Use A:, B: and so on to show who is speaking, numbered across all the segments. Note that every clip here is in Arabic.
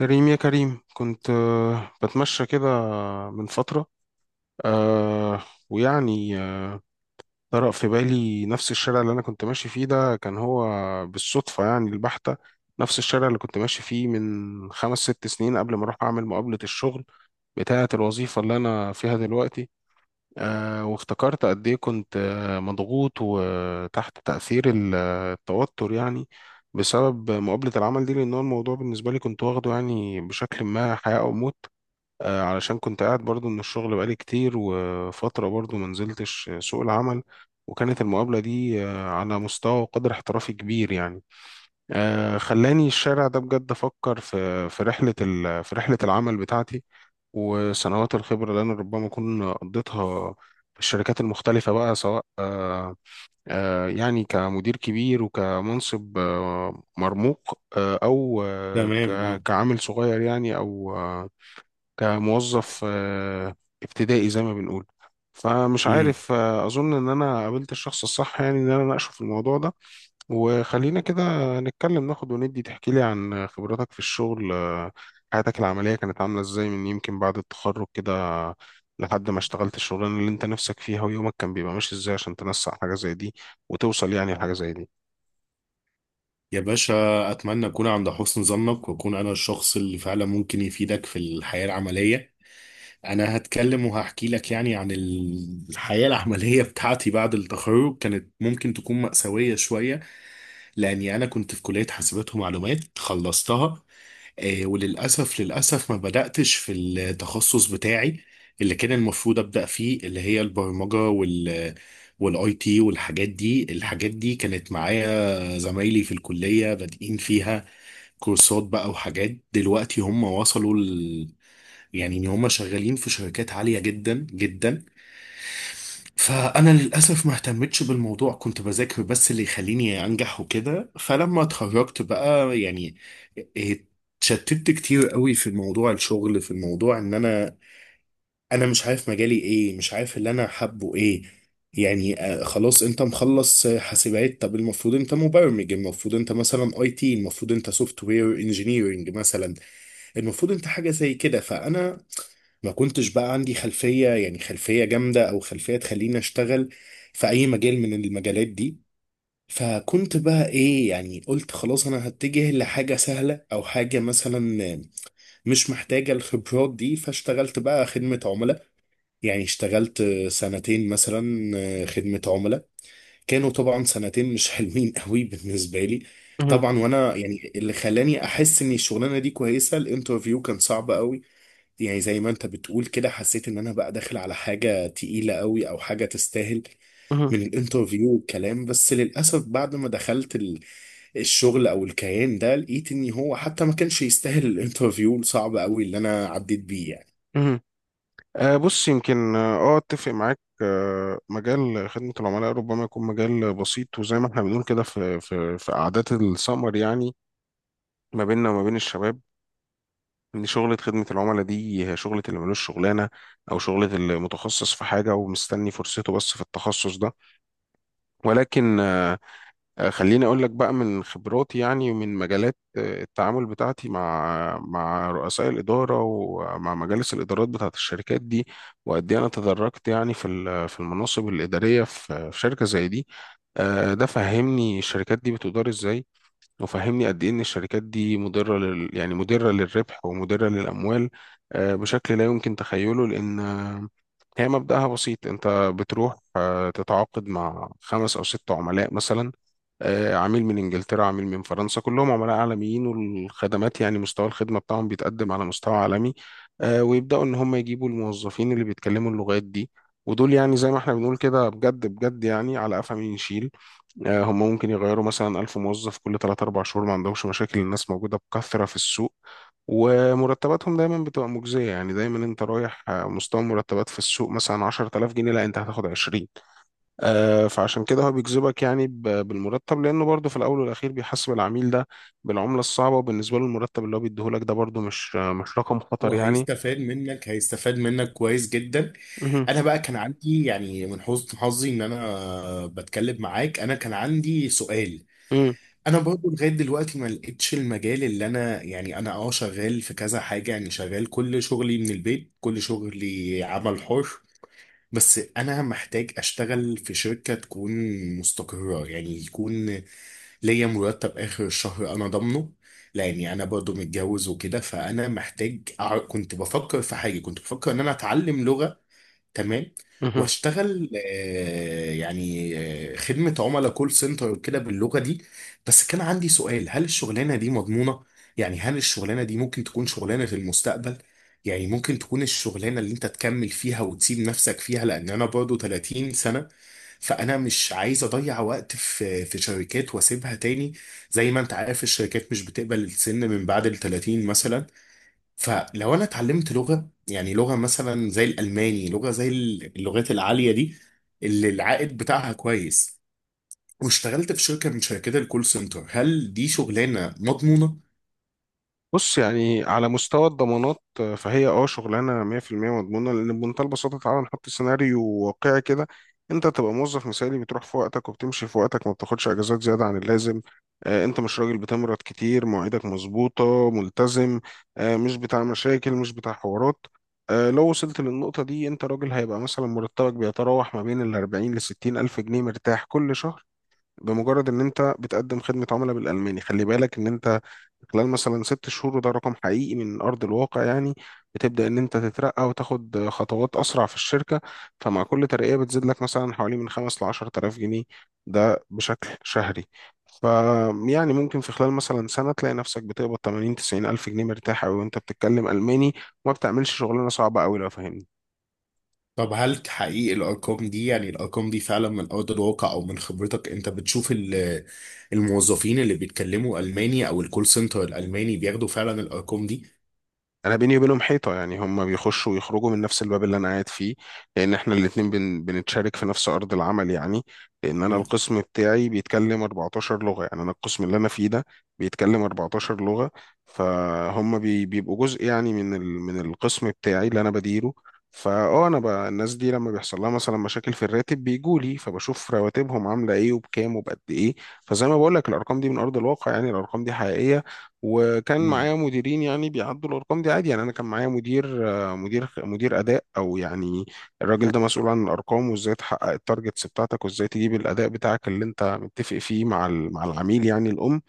A: كريم، يا كريم، كنت بتمشى كده من فترة. آه، ويعني طرأ في بالي نفس الشارع اللي أنا كنت ماشي فيه، ده كان هو بالصدفة يعني البحتة، نفس الشارع اللي كنت ماشي فيه من 5 6 سنين قبل ما أروح أعمل مقابلة الشغل بتاعة الوظيفة اللي أنا فيها دلوقتي. وافتكرت قد إيه كنت مضغوط وتحت تأثير التوتر يعني، بسبب مقابلة العمل دي، لأن هو الموضوع بالنسبة لي كنت واخده يعني بشكل ما حياة أو موت. علشان كنت قاعد برضو من الشغل بقالي كتير، وفترة برضو ما نزلتش سوق العمل، وكانت المقابلة دي على مستوى وقدر احترافي كبير يعني. خلاني الشارع ده بجد أفكر في في رحلة العمل بتاعتي، وسنوات الخبرة اللي أنا ربما أكون قضيتها في الشركات المختلفة، بقى سواء يعني كمدير كبير، وكمنصب مرموق، أو
B: تمام آه.
A: كعامل صغير يعني، أو كموظف ابتدائي زي ما بنقول. فمش
B: امم
A: عارف، اظن ان انا قابلت الشخص الصح، يعني ان انا اناقشه في الموضوع ده، وخلينا كده نتكلم ناخد وندي. تحكي لي عن خبراتك في الشغل، حياتك العملية كانت عاملة ازاي من يمكن بعد التخرج كده، لحد ما اشتغلت الشغلانة اللي انت نفسك فيها، ويومك كان بيبقى ماشي ازاي عشان تنسق حاجة زي دي وتوصل يعني لحاجة زي دي.
B: يا باشا، اتمنى اكون عند حسن ظنك واكون انا الشخص اللي فعلا ممكن يفيدك في الحياه العمليه. انا هتكلم وهحكي لك عن الحياه العمليه بتاعتي بعد التخرج. كانت ممكن تكون مأساويه شويه، لاني انا كنت في كليه حاسبات ومعلومات خلصتها. وللأسف، ما بدأتش في التخصص بتاعي اللي كان المفروض أبدأ فيه، اللي هي البرمجة والاي تي والحاجات دي. الحاجات دي كانت معايا زمايلي في الكلية بادئين فيها كورسات بقى وحاجات، دلوقتي هم وصلوا ل... يعني ان هم شغالين في شركات عالية جدا جدا. فانا للاسف ما اهتمتش بالموضوع، كنت بذاكر بس اللي يخليني انجح وكده. فلما اتخرجت بقى، يعني اتشتت كتير قوي في موضوع الشغل، في الموضوع ان انا مش عارف مجالي ايه، مش عارف اللي انا حابه ايه. يعني آه، خلاص انت مخلص آه، حاسبات، طب المفروض انت مبرمج، المفروض انت مثلا اي تي، المفروض انت سوفت وير انجينيرنج مثلا، المفروض انت حاجه زي كده. فانا ما كنتش بقى عندي خلفية، يعني خلفية جامدة أو خلفية تخليني أشتغل في أي مجال من المجالات دي. فكنت بقى إيه، يعني قلت خلاص أنا هتجه لحاجة سهلة أو حاجة مثلا مش محتاجة الخبرات دي. فاشتغلت بقى خدمة عملاء، يعني اشتغلت سنتين مثلا خدمة عملاء. كانوا طبعا سنتين مش حلوين قوي بالنسبة لي،
A: مهم.
B: طبعا. وانا يعني اللي خلاني احس ان الشغلانه دي كويسه، الانترفيو كان صعب قوي. يعني زي ما انت بتقول كده، حسيت ان انا بقى داخل على حاجة تقيلة قوي او حاجة تستاهل،
A: مهم.
B: من الانترفيو والكلام. بس للأسف بعد ما دخلت الشغل او الكيان ده، لقيت ان هو حتى ما كانش يستاهل الانترفيو الصعب قوي اللي انا عديت بيه يعني.
A: مهم. بص، يمكن اه اتفق معاك. مجال خدمة العملاء ربما يكون مجال بسيط، وزي ما احنا بنقول كده في في قعدات السمر يعني، ما بيننا وما بين الشباب، ان شغلة خدمة العملاء دي هي شغلة اللي ملوش شغلانة، او شغلة اللي متخصص في حاجة ومستني فرصته بس في التخصص ده. ولكن خليني اقول لك بقى من خبراتي يعني، ومن مجالات التعامل بتاعتي مع رؤساء الاداره، ومع مجالس الادارات بتاعت الشركات دي، وقد ايه انا تدرجت يعني في المناصب الاداريه في شركه زي دي. ده فهمني الشركات دي بتدار ازاي، وفهمني قد ايه ان الشركات دي مضره يعني مضره للربح ومضره للاموال، بشكل لا يمكن تخيله، لان هي مبدأها بسيط. انت بتروح تتعاقد مع 5 او 6 عملاء مثلا، عميل من انجلترا، عميل من فرنسا، كلهم عملاء عالميين، والخدمات يعني مستوى الخدمه بتاعهم بيتقدم على مستوى عالمي. ويبداوا ان هم يجيبوا الموظفين اللي بيتكلموا اللغات دي، ودول يعني زي ما احنا بنقول كده بجد بجد يعني على قفا مين يشيل. هم ممكن يغيروا مثلا 1000 موظف كل 3 4 شهور، ما عندهمش مشاكل، الناس موجودة بكثرة في السوق، ومرتباتهم دايما بتبقى مجزية يعني. دايما انت رايح مستوى مرتبات في السوق مثلا 10,000 جنيه، لا، انت هتاخد 20. فعشان كده هو بيجذبك يعني بالمرتب، لانه برضه في الاول والاخير بيحاسب العميل ده بالعملة الصعبة، وبالنسبة له المرتب اللي هو بيديهولك ده برضه مش مش رقم خطر يعني.
B: وهيستفاد منك، هيستفاد منك كويس جدا.
A: مهم.
B: انا بقى كان عندي، يعني من حسن حظي ان انا بتكلم معاك، انا كان عندي سؤال. انا برضو لغايه دلوقتي ما لقيتش المجال اللي انا، يعني انا اه شغال في كذا حاجه، يعني شغال كل شغلي من البيت، كل شغلي عمل حر. بس انا محتاج اشتغل في شركه تكون مستقره، يعني يكون ليا مرتب اخر الشهر انا ضامنه. لاني انا برضو متجوز وكده، فانا محتاج كنت بفكر في حاجه، كنت بفكر ان انا اتعلم لغه. تمام.
A: مهم.
B: واشتغل آه، يعني آه، خدمة عملاء كول سنتر وكده باللغة دي. بس كان عندي سؤال، هل الشغلانة دي مضمونة؟ يعني هل الشغلانة دي ممكن تكون شغلانة المستقبل؟ يعني ممكن تكون الشغلانة اللي انت تكمل فيها وتسيب نفسك فيها، لان انا برضو 30 سنة. فانا مش عايز اضيع وقت في شركات واسيبها تاني. زي ما انت عارف، الشركات مش بتقبل السن من بعد ال 30 مثلا. فلو انا اتعلمت لغه، يعني لغه مثلا زي الالماني، لغه زي اللغات العاليه دي اللي العائد بتاعها كويس، واشتغلت في شركه من شركات الكول سنتر، هل دي شغلانه مضمونه؟
A: بص يعني على مستوى الضمانات فهي اه شغلانه 100% مضمونه، لان بمنتهى البساطه تعالى نحط سيناريو واقعي كده. انت تبقى موظف مثالي، بتروح في وقتك وبتمشي في وقتك، ما بتاخدش اجازات زياده عن اللازم، انت مش راجل بتمرض كتير، مواعيدك مظبوطه، ملتزم، مش بتاع مشاكل، مش بتاع حوارات. لو وصلت للنقطه دي، انت راجل هيبقى مثلا مرتبك بيتراوح ما بين ال 40 ل 60 الف جنيه مرتاح كل شهر، بمجرد ان انت بتقدم خدمه عملاء بالالماني. خلي بالك ان انت خلال مثلا 6 شهور، وده رقم حقيقي من أرض الواقع يعني، بتبدأ إن أنت تترقى وتاخد خطوات أسرع في الشركة. فمع كل ترقية بتزيد لك مثلا حوالي من 5 لـ 10 آلاف جنيه، ده بشكل شهري. ف يعني ممكن في خلال مثلا سنة تلاقي نفسك بتقبض 80 90 ألف جنيه، مرتاح أوي وأنت بتتكلم ألماني، وما بتعملش شغلانة صعبة أوي، لو فاهمني.
B: طب هل تحقيق الارقام دي، يعني الارقام دي فعلا من ارض الواقع؟ او من خبرتك انت بتشوف الموظفين اللي بيتكلموا الماني او الكول سنتر الالماني بياخدوا فعلا الارقام دي؟
A: انا بيني وبينهم حيطه يعني، هم بيخشوا ويخرجوا من نفس الباب اللي انا قاعد فيه، لان احنا الاثنين بنتشارك في نفس ارض العمل يعني، لان انا
B: مم.
A: القسم بتاعي بيتكلم 14 لغه. يعني انا القسم اللي انا فيه ده بيتكلم 14 لغه، فهم بيبقوا جزء يعني من من القسم بتاعي اللي انا بديره. فاه الناس دي لما بيحصل لها مثلا مشاكل في الراتب بيجوا لي، فبشوف رواتبهم عامله ايه وبكام وبقد ايه. فزي ما بقول لك الارقام دي من ارض الواقع يعني، الارقام دي حقيقيه. وكان معايا مديرين يعني بيعدوا الارقام دي عادي. يعني انا كان معايا مدير آه، مدير مدير اداء، او يعني الراجل ده مسؤول عن الارقام، وازاي تحقق التارجتس بتاعتك، وازاي تجيب الاداء بتاعك اللي انت متفق فيه مع مع العميل يعني، الام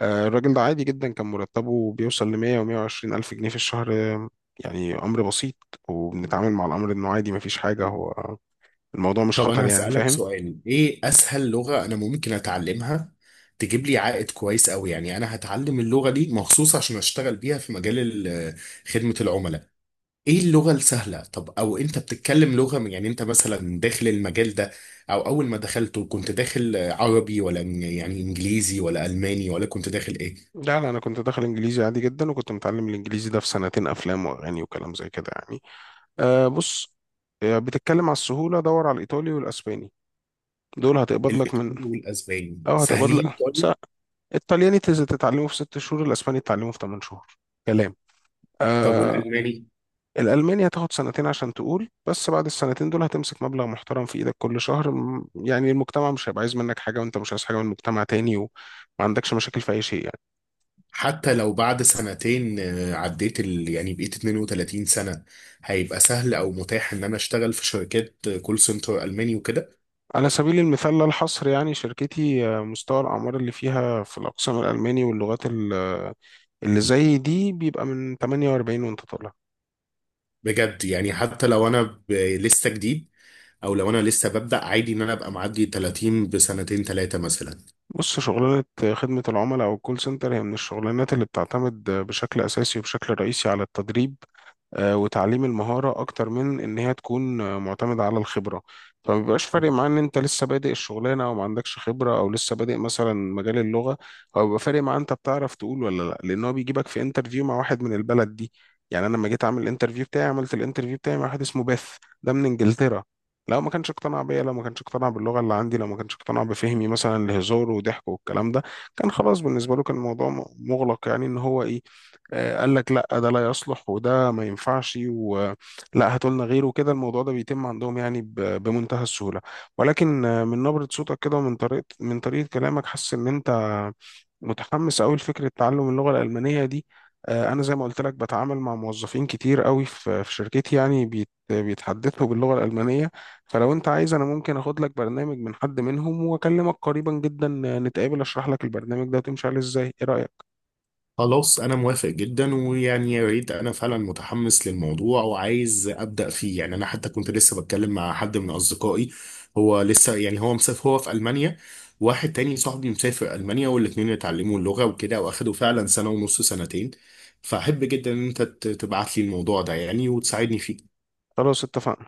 A: الراجل ده عادي جدا كان مرتبه بيوصل ل 100 و 120 الف جنيه في الشهر. يعني امر بسيط، وبنتعامل مع الامر انه عادي مفيش حاجه.
B: مم.
A: هو الموضوع مش
B: طب
A: خطر
B: انا
A: يعني،
B: هسألك
A: فاهم.
B: سؤال، ايه اسهل لغة انا ممكن اتعلمها تجيب لي عائد كويس قوي؟ يعني انا هتعلم اللغة دي مخصوص عشان اشتغل بيها في مجال آه، خدمة العملاء. ايه اللغة السهلة؟ طب او انت بتتكلم لغة يعني انت مثلا داخل المجال ده او اول ما دخلته، كنت داخل عربي ولا يعني انجليزي ولا الماني ولا كنت داخل ايه؟
A: لا، لا، انا كنت داخل انجليزي عادي جدا، وكنت متعلم الانجليزي ده في سنتين، افلام واغاني وكلام زي كده يعني. أه، بص، بتتكلم على السهولة؟ دور على الإيطالي والأسباني، دول هتقبض لك من،
B: الايطالي والاسباني
A: أو هتقبض
B: سهلين،
A: لك
B: طيب.
A: الطلياني تتعلمه في 6 شهور، الأسباني تتعلمه في 8 شهور. كلام.
B: طب
A: أه.
B: والالماني؟
A: الألماني هتاخد سنتين عشان تقول، بس بعد السنتين دول هتمسك مبلغ محترم في إيدك كل شهر. يعني المجتمع مش هيبقى عايز منك حاجة، وأنت مش عايز حاجة من المجتمع تاني، وما عندكش مشاكل في أي شيء يعني.
B: حتى لو بعد سنتين آه، عديت ال... يعني بقيت 32 سنة، هيبقى سهل او متاح ان انا اشتغل في شركات كول سنتر الماني وكده؟
A: على سبيل المثال لا الحصر يعني، شركتي مستوى الأعمار اللي فيها في الأقسام الألماني واللغات اللي زي دي بيبقى من 48 وانت طالع.
B: بجد؟ يعني حتى لو انا لسه جديد، او لو انا لسه ببدأ عادي، ان انا ابقى معدي 30 بسنتين ثلاثة مثلا؟
A: بص، شغلانة خدمة العملاء أو الكول سنتر هي من الشغلانات اللي بتعتمد بشكل أساسي وبشكل رئيسي على التدريب، وتعليم المهارة أكتر من إن هي تكون معتمدة على الخبرة. فما بيبقاش فارق معاه إن أنت لسه بادئ الشغلانة، أو ما عندكش خبرة، أو لسه بادئ مثلا مجال اللغة. هو بيبقى فارق معاه أنت بتعرف تقول ولا لأ، لأن هو بيجيبك في انترفيو مع واحد من البلد دي. يعني أنا لما جيت أعمل الانترفيو بتاعي، عملت الانترفيو بتاعي مع واحد اسمه بيث، ده من إنجلترا. لو ما كانش اقتنع بيا، لو ما كانش اقتنع باللغة اللي عندي، لو ما كانش اقتنع بفهمي مثلا لهزار وضحك والكلام ده، كان خلاص بالنسبة له كان الموضوع مغلق، يعني ان هو ايه، قال لك لا ده لا يصلح، وده ما ينفعش، ولا هاتوا لنا غيره كده. الموضوع ده بيتم عندهم يعني بمنتهى السهولة. ولكن من نبرة صوتك كده، ومن طريقة كلامك، حاسس ان انت متحمس قوي لفكرة تعلم اللغة الألمانية دي. انا زي ما قلت لك بتعامل مع موظفين كتير قوي في شركتي، يعني بيتحدثوا باللغة الألمانية. فلو انت عايز، انا ممكن اخد لك برنامج من حد منهم، واكلمك قريبا جدا نتقابل اشرح لك البرنامج ده وتمشي عليه ازاي. ايه رأيك؟
B: خلاص انا موافق جدا، ويعني يا ريت. انا فعلا متحمس للموضوع وعايز ابدا فيه. يعني انا حتى كنت لسه بتكلم مع حد من اصدقائي، هو لسه، يعني هو مسافر، هو في المانيا. واحد تاني صاحبي مسافر المانيا، والاتنين اتعلموا اللغه وكده، واخدوا فعلا سنه ونص، سنتين. فاحب جدا ان انت تبعت لي الموضوع ده يعني وتساعدني فيه.
A: خلاص، اتفقنا.